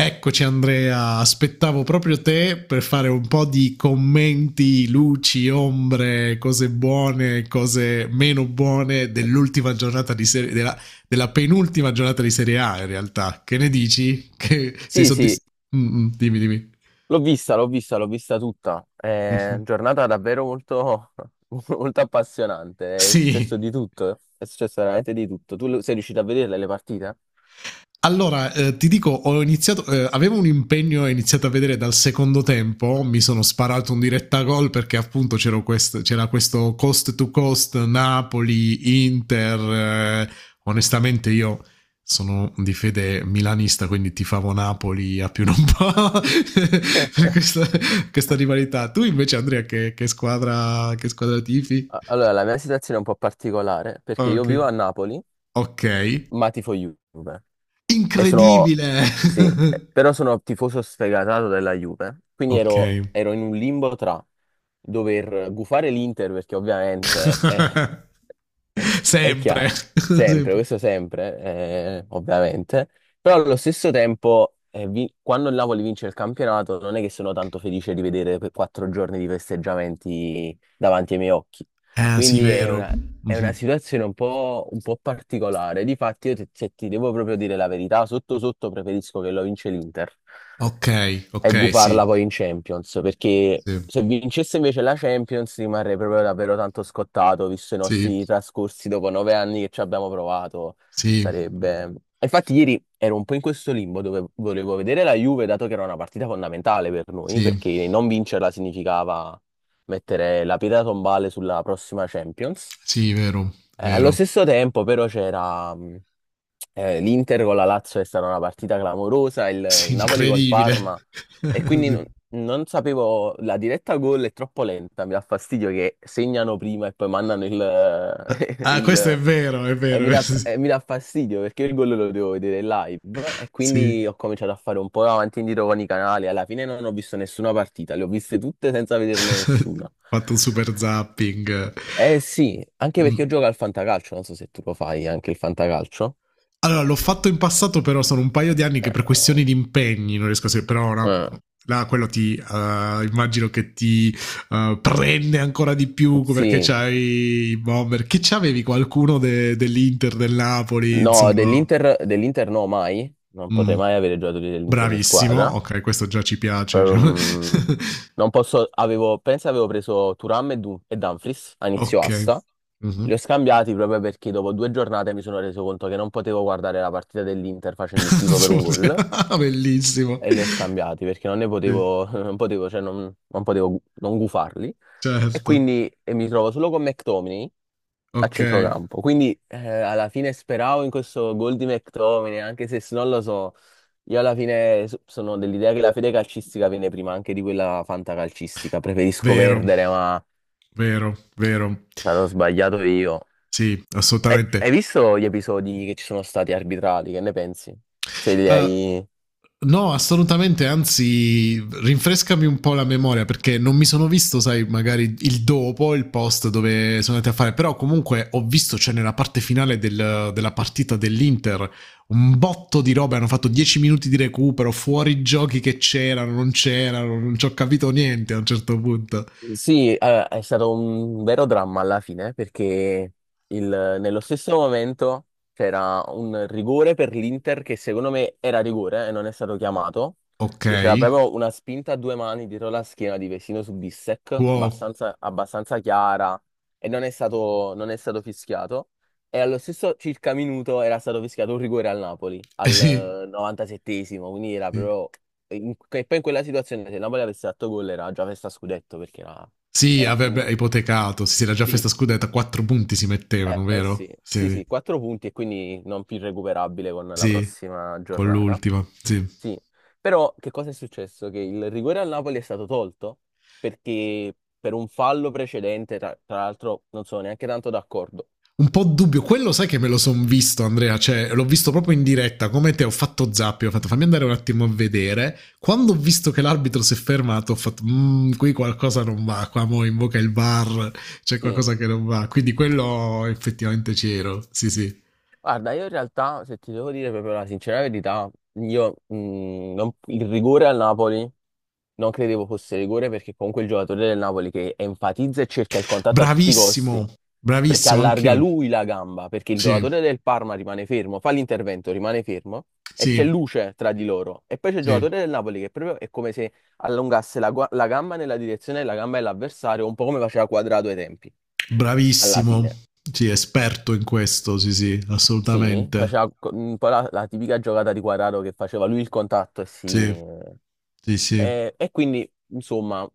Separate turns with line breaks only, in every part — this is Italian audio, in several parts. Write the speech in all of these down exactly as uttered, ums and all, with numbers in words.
Eccoci Andrea, aspettavo proprio te per fare un po' di commenti, luci, ombre, cose buone, cose meno buone dell'ultima giornata di serie della, della penultima giornata di Serie A in realtà. Che ne dici? Che sei
Sì, sì,
soddisfatto? Mm, mm, dimmi, dimmi.
l'ho vista, l'ho vista, l'ho vista tutta. È giornata davvero molto, molto appassionante. È successo
Sì.
di tutto, è successo veramente di tutto. Tu lo- sei riuscito a vederle le partite?
Allora, eh, ti dico, ho iniziato, eh, avevo un impegno e ho iniziato a vedere dal secondo tempo, mi sono sparato un diretta gol perché appunto c'era, quest- c'era questo cost to cost Napoli, Inter, eh, onestamente io sono di fede milanista, quindi tifavo Napoli a più non po'. Per questa, questa rivalità. Tu invece Andrea che, che squadra, che squadra tifi?
A- Allora, la mia situazione è un po' particolare perché io
Ok,
vivo a Napoli,
ok,
ma tifo Juve. E sono,
incredibile!
sì, eh, però sono tifoso sfegatato della Juve. Quindi
Ok.
ero, ero in un limbo tra dover gufare l'Inter perché ovviamente... eh, È
Sempre.
chiaro, sempre,
Sempre.
questo sempre, eh, ovviamente, però allo stesso tempo, eh, vi- quando il Napoli vince il campionato, non è che sono tanto felice di vedere per quattro giorni di festeggiamenti davanti ai miei occhi.
Ah, sì,
Quindi è
vero.
una, è una
Mhm.
situazione un po', un po' particolare. Difatti, io ti, se ti devo proprio dire la verità, sotto sotto preferisco che lo vince l'Inter
Ok,
e
ok,
gufarla
sì,
poi in Champions, perché
sì,
se vincesse invece la Champions rimarrei proprio davvero tanto scottato, visto i
sì,
nostri trascorsi dopo nove anni che ci abbiamo provato.
sì,
Sarebbe... Infatti ieri ero un po' in questo limbo dove volevo vedere la Juve, dato che era una partita fondamentale per noi,
sì,
perché non vincerla significava mettere la pietra tombale sulla prossima Champions.
sì, vero,
Eh, allo
vero.
stesso tempo, però, c'era mh, eh, l'Inter con la Lazio, è stata una partita clamorosa, il
Sì,
Napoli col
incredibile.
Parma, e quindi non,
Sì.
non sapevo, la diretta gol è troppo lenta, mi dà fastidio che segnano prima e poi mandano il,
Ah, questo è
il,
vero, è
e mi
vero.
dà, e mi dà fastidio perché il gol lo devo vedere live e quindi
Sì.
ho cominciato a fare un po' avanti e indietro con i canali. Alla fine non ho visto nessuna partita, le ho viste tutte senza vederne
Ho
nessuna.
fatto un super zapping.
Eh sì, anche perché io
Mm.
gioco al fantacalcio, non so se tu lo fai anche il fantacalcio.
Allora, l'ho fatto in passato, però sono un paio di anni che
Eh,
per questioni di impegni non riesco a seguire, però ora
eh,
là quello ti eh, immagino che ti eh, prende ancora di più perché
sì,
c'hai i bomber che c'avevi qualcuno de- dell'Inter del Napoli
no,
insomma.
dell'Inter dell'Inter no mai, non potrei
Mm.
mai avere giocatori dell'Inter in
Bravissimo,
squadra.
ok, questo già ci piace diciamo.
Ehm, non posso, avevo, penso avevo preso Thuram e, Dun- e Dumfries a inizio
Ok.
asta. Li ho
Mhm.
scambiati proprio perché dopo due giornate mi sono reso conto che non potevo guardare la partita dell'Inter facendo il tifo per un gol
Bellissimo.
e li ho scambiati perché non ne
Sì,
potevo, non potevo, cioè non, non potevo gu- non gufarli. E
certo.
quindi e mi trovo solo con McTominay a
Ok.
centrocampo. Quindi eh, alla fine speravo in questo gol di McTominay, anche se s- non lo so. Io alla fine so- sono dell'idea che la fede calcistica viene prima anche di quella fantacalcistica. Preferisco
Vero,
perdere, ma
vero, vero.
sarò sbagliato io.
Sì,
Eh, hai
assolutamente.
visto gli episodi che ci sono stati arbitrati? Che ne pensi? Se li
Uh,
hai...
no, assolutamente, anzi, rinfrescami un po' la memoria perché non mi sono visto, sai, magari il dopo, il post dove sono andati a fare, però comunque ho visto, cioè nella parte finale del- della partita dell'Inter, un botto di robe, hanno fatto dieci minuti di recupero, fuori giochi che c'erano, non c'erano, non ci ho capito niente a un certo punto.
Sì, allora, è stato un vero dramma alla fine perché il- nello stesso momento c'era un rigore per l'Inter che secondo me era rigore e non è stato chiamato,
Ok,
che c'era proprio una spinta a due mani dietro la schiena di Vesino su Bissek,
wow,
abbastanza, abbastanza chiara e non è stato, non è stato fischiato. E allo stesso circa minuto era stato fischiato un rigore al Napoli,
eh sì,
al novantasettesimo, quindi era
sì.
proprio in- e poi in quella situazione se il Napoli avesse fatto gol era già festa scudetto perché era,
Sì,
era
avrebbe
finito.
ipotecato. Sì, sì, la già
Sì,
festa scudetta, quattro punti si
eh,
mettevano,
eh sì,
vero?
sì,
Sì,
sì, quattro punti e quindi non più recuperabile con la
sì,
prossima
con
giornata.
l'ultima, sì.
Sì, però che cosa è successo? Che il rigore al Napoli è stato tolto perché per un fallo precedente, tra, tra l'altro non sono neanche tanto d'accordo.
Un po' dubbio, quello sai che me lo son visto Andrea, cioè l'ho visto proprio in diretta, come te ho fatto zappio, ho fatto fammi andare un attimo a vedere, quando ho visto che l'arbitro si è fermato ho fatto mmm, qui qualcosa non va, qua mo invoca il bar, c'è
Sì,
qualcosa che non va, quindi quello effettivamente c'ero, sì sì.
guarda, io in realtà, se ti devo dire proprio la sincera verità, io, mh, non- il rigore al Napoli non credevo fosse rigore perché comunque il giocatore del Napoli che enfatizza e cerca il contatto a tutti i costi,
Bravissimo,
perché
bravissimo anche
allarga
io,
lui la gamba, perché il
sì,
giocatore del Parma rimane fermo, fa l'intervento, rimane fermo e c'è
sì,
luce tra di loro. E poi c'è il
sì.
giocatore del Napoli che proprio è come se allungasse la, gua- la gamba nella direzione della gamba dell'avversario, un po' come faceva Quadrato ai tempi, alla
Bravissimo.
fine.
Sì, esperto in questo, sì, sì,
Sì,
assolutamente.
faceva co- un po' la, la tipica giocata di Quadrato che faceva lui il contatto e si...
Sì, sì, sì.
E, e quindi, insomma...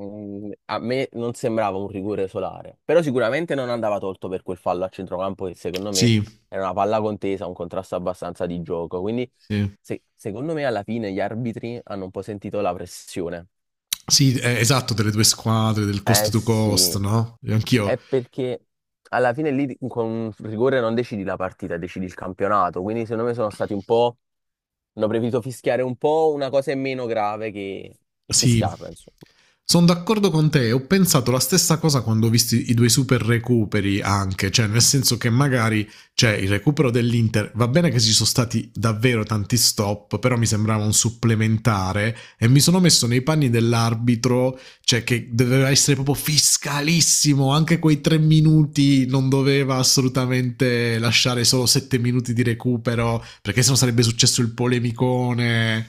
Mm, A me non sembrava un rigore solare, però sicuramente non andava tolto per quel fallo a centrocampo che secondo me
Sì,
era una palla contesa, un contrasto abbastanza di gioco. Quindi
sì.
se- secondo me alla fine gli arbitri hanno un po' sentito la pressione.
Sì, eh, esatto, delle due squadre, del
Eh
cost to cost,
sì,
no? E anch'io.
è perché alla fine lì di- con un rigore non decidi la partita, decidi il campionato. Quindi secondo me sono stati un po'... hanno preferito fischiare un po' una cosa in meno grave che, che
Sì,
fischiarla, insomma.
sono d'accordo con te. Ho pensato la stessa cosa quando ho visto i due super recuperi anche, cioè nel senso che magari c'è il recupero dell'Inter. Va bene che ci sono stati davvero tanti stop, però mi sembrava un supplementare e mi sono messo nei panni dell'arbitro, cioè che doveva essere proprio fiscalissimo. Anche quei tre minuti non doveva assolutamente lasciare solo sette minuti di recupero, perché sennò sarebbe successo il polemicone.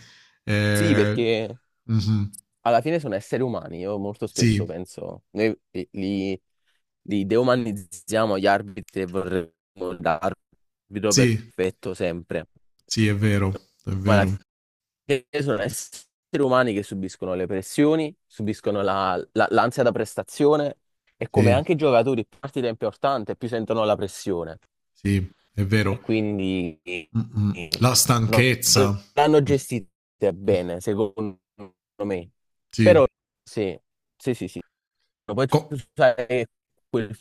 Sì,
Eh,
perché...
mhm.
alla fine sono esseri umani. Io molto spesso
Sì,
penso, noi li, li deumanizziamo gli arbitri e vorremmo l'arbitro
sì,
perfetto sempre.
sì, è vero, è
Ma alla
vero,
fine sono esseri umani che subiscono le pressioni, subiscono la- la- l'ansia da prestazione e come
sì,
anche i giocatori più partita è importante, più sentono la pressione
sì, è
e
vero.
quindi eh,
Mm, mm. La
non
stanchezza,
l'hanno
mm,
gestita
mm,
bene, secondo me.
sì,
Però sì, sì, sì, sì. Poi
Co-
tu sai quel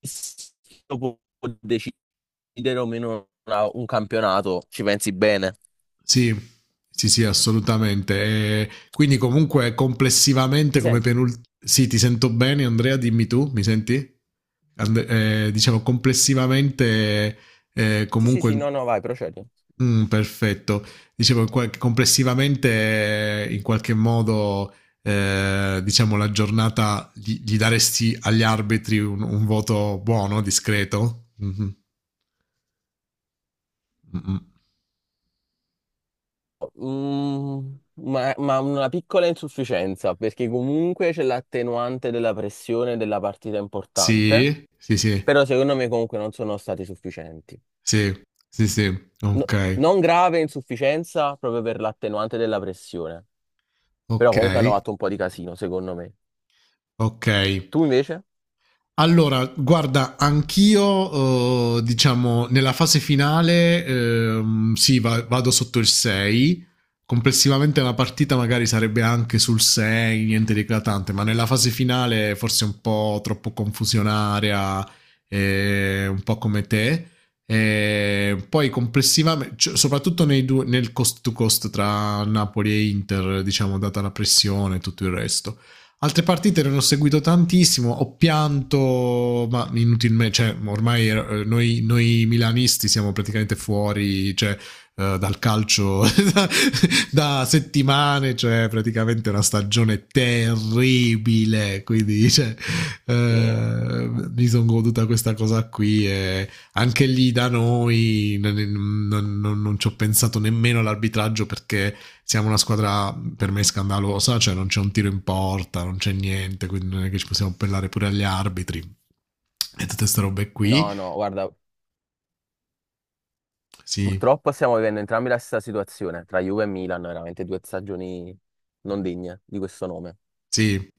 fisico può decidere o meno una- un campionato, ci pensi bene.
sì, sì, sì, assolutamente. E quindi comunque complessivamente
Mi
come
senti?
penultimo... Sì, ti sento bene, Andrea, dimmi tu, mi senti? And- eh, diciamo complessivamente, eh,
Sì, sì, sì,
comunque
no, no, vai, procedi.
mm, perfetto. Dicevo qua- che complessivamente, eh, in qualche modo, eh, diciamo, la giornata gli, gli daresti agli arbitri un, un voto buono, discreto? Mhm. Mm-mm.
Mm, ma, ma una piccola insufficienza, perché comunque c'è l'attenuante della pressione della partita importante.
Sì, sì, sì,
Però secondo me comunque non sono stati sufficienti.
sì, sì, sì.
No-
Ok,
non grave insufficienza proprio per l'attenuante della pressione, però
ok,
comunque hanno fatto un po' di casino, secondo me.
ok.
Tu invece?
Allora, guarda, anch'io, eh, diciamo, nella fase finale, ehm, sì, va- vado sotto il sei. Complessivamente la partita magari sarebbe anche sul sei, niente di eclatante, ma nella fase finale forse un po' troppo confusionaria, eh, un po' come te. E poi complessivamente, cioè, soprattutto nei due- nel cost to cost tra Napoli e Inter, diciamo, data la pressione e tutto il resto. Altre partite non ho seguito tantissimo, ho pianto, ma inutilmente, cioè ormai eh, noi, noi milanisti siamo praticamente fuori cioè, eh, dal calcio da, da settimane, cioè praticamente una stagione terribile, quindi cioè,
Sì.
eh, mi sono goduta questa cosa qui e anche lì da noi non, non- non- non ci ho pensato nemmeno all'arbitraggio perché siamo una squadra per me scandalosa, cioè non c'è un tiro in porta, non c'è niente, quindi non è che ci possiamo appellare pure agli arbitri e tutte queste robe qui.
No, no, guarda,
Sì,
purtroppo stiamo vivendo entrambi la stessa situazione, tra Juve e Milan, veramente due stagioni non degne di questo nome.
sì.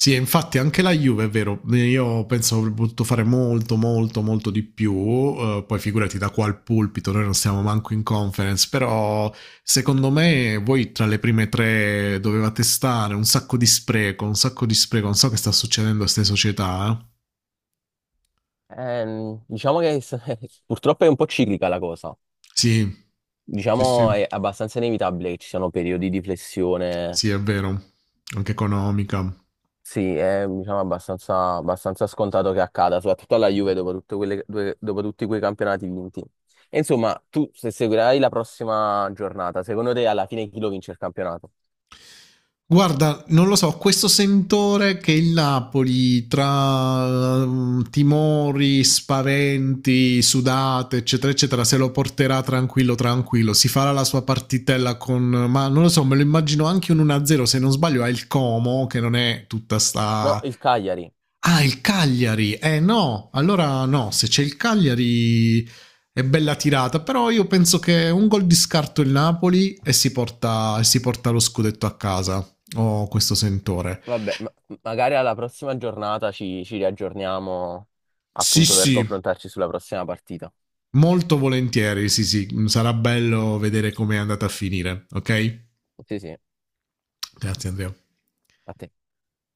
Sì, infatti anche la Juve è vero, io penso avrebbe potuto fare molto, molto, molto di più, eh, poi figurati da qua al pulpito, noi non siamo manco in conference, però secondo me voi tra le prime tre dovevate stare, un sacco di spreco, un sacco di spreco, non so che sta succedendo a queste società, eh.
Ehm, diciamo che s- purtroppo è un po' ciclica la cosa.
Sì, sì, sì,
Diciamo è abbastanza inevitabile che ci siano periodi di flessione.
sì, è vero, anche economica.
Sì, è diciamo, abbastanza, abbastanza scontato che accada, soprattutto alla Juve dopo, tutte quelle- due- dopo tutti quei campionati vinti. E insomma, tu se seguirai la prossima giornata, secondo te alla fine chi lo vince il campionato?
Guarda, non lo so, questo sentore che il Napoli tra ehm, timori, spaventi, sudate, eccetera, eccetera, se lo porterà tranquillo, tranquillo, si farà la sua partitella con... Ma non lo so, me lo immagino anche un uno a zero, se non sbaglio ha il Como, che non è tutta
No,
sta...
il Cagliari.
Ah, il Cagliari. Eh no, allora no, se c'è il Cagliari è bella tirata, però io penso che un gol di scarto il Napoli e si porta, e si porta lo scudetto a casa. Ho oh, questo sentore.
Vabbè, ma- magari alla prossima giornata ci, ci riaggiorniamo
Sì,
appunto per
sì,
confrontarci sulla prossima partita.
molto volentieri, sì, sì, sarà bello vedere come è andata a finire, ok?
Sì, sì, a
Grazie Andrea.
te.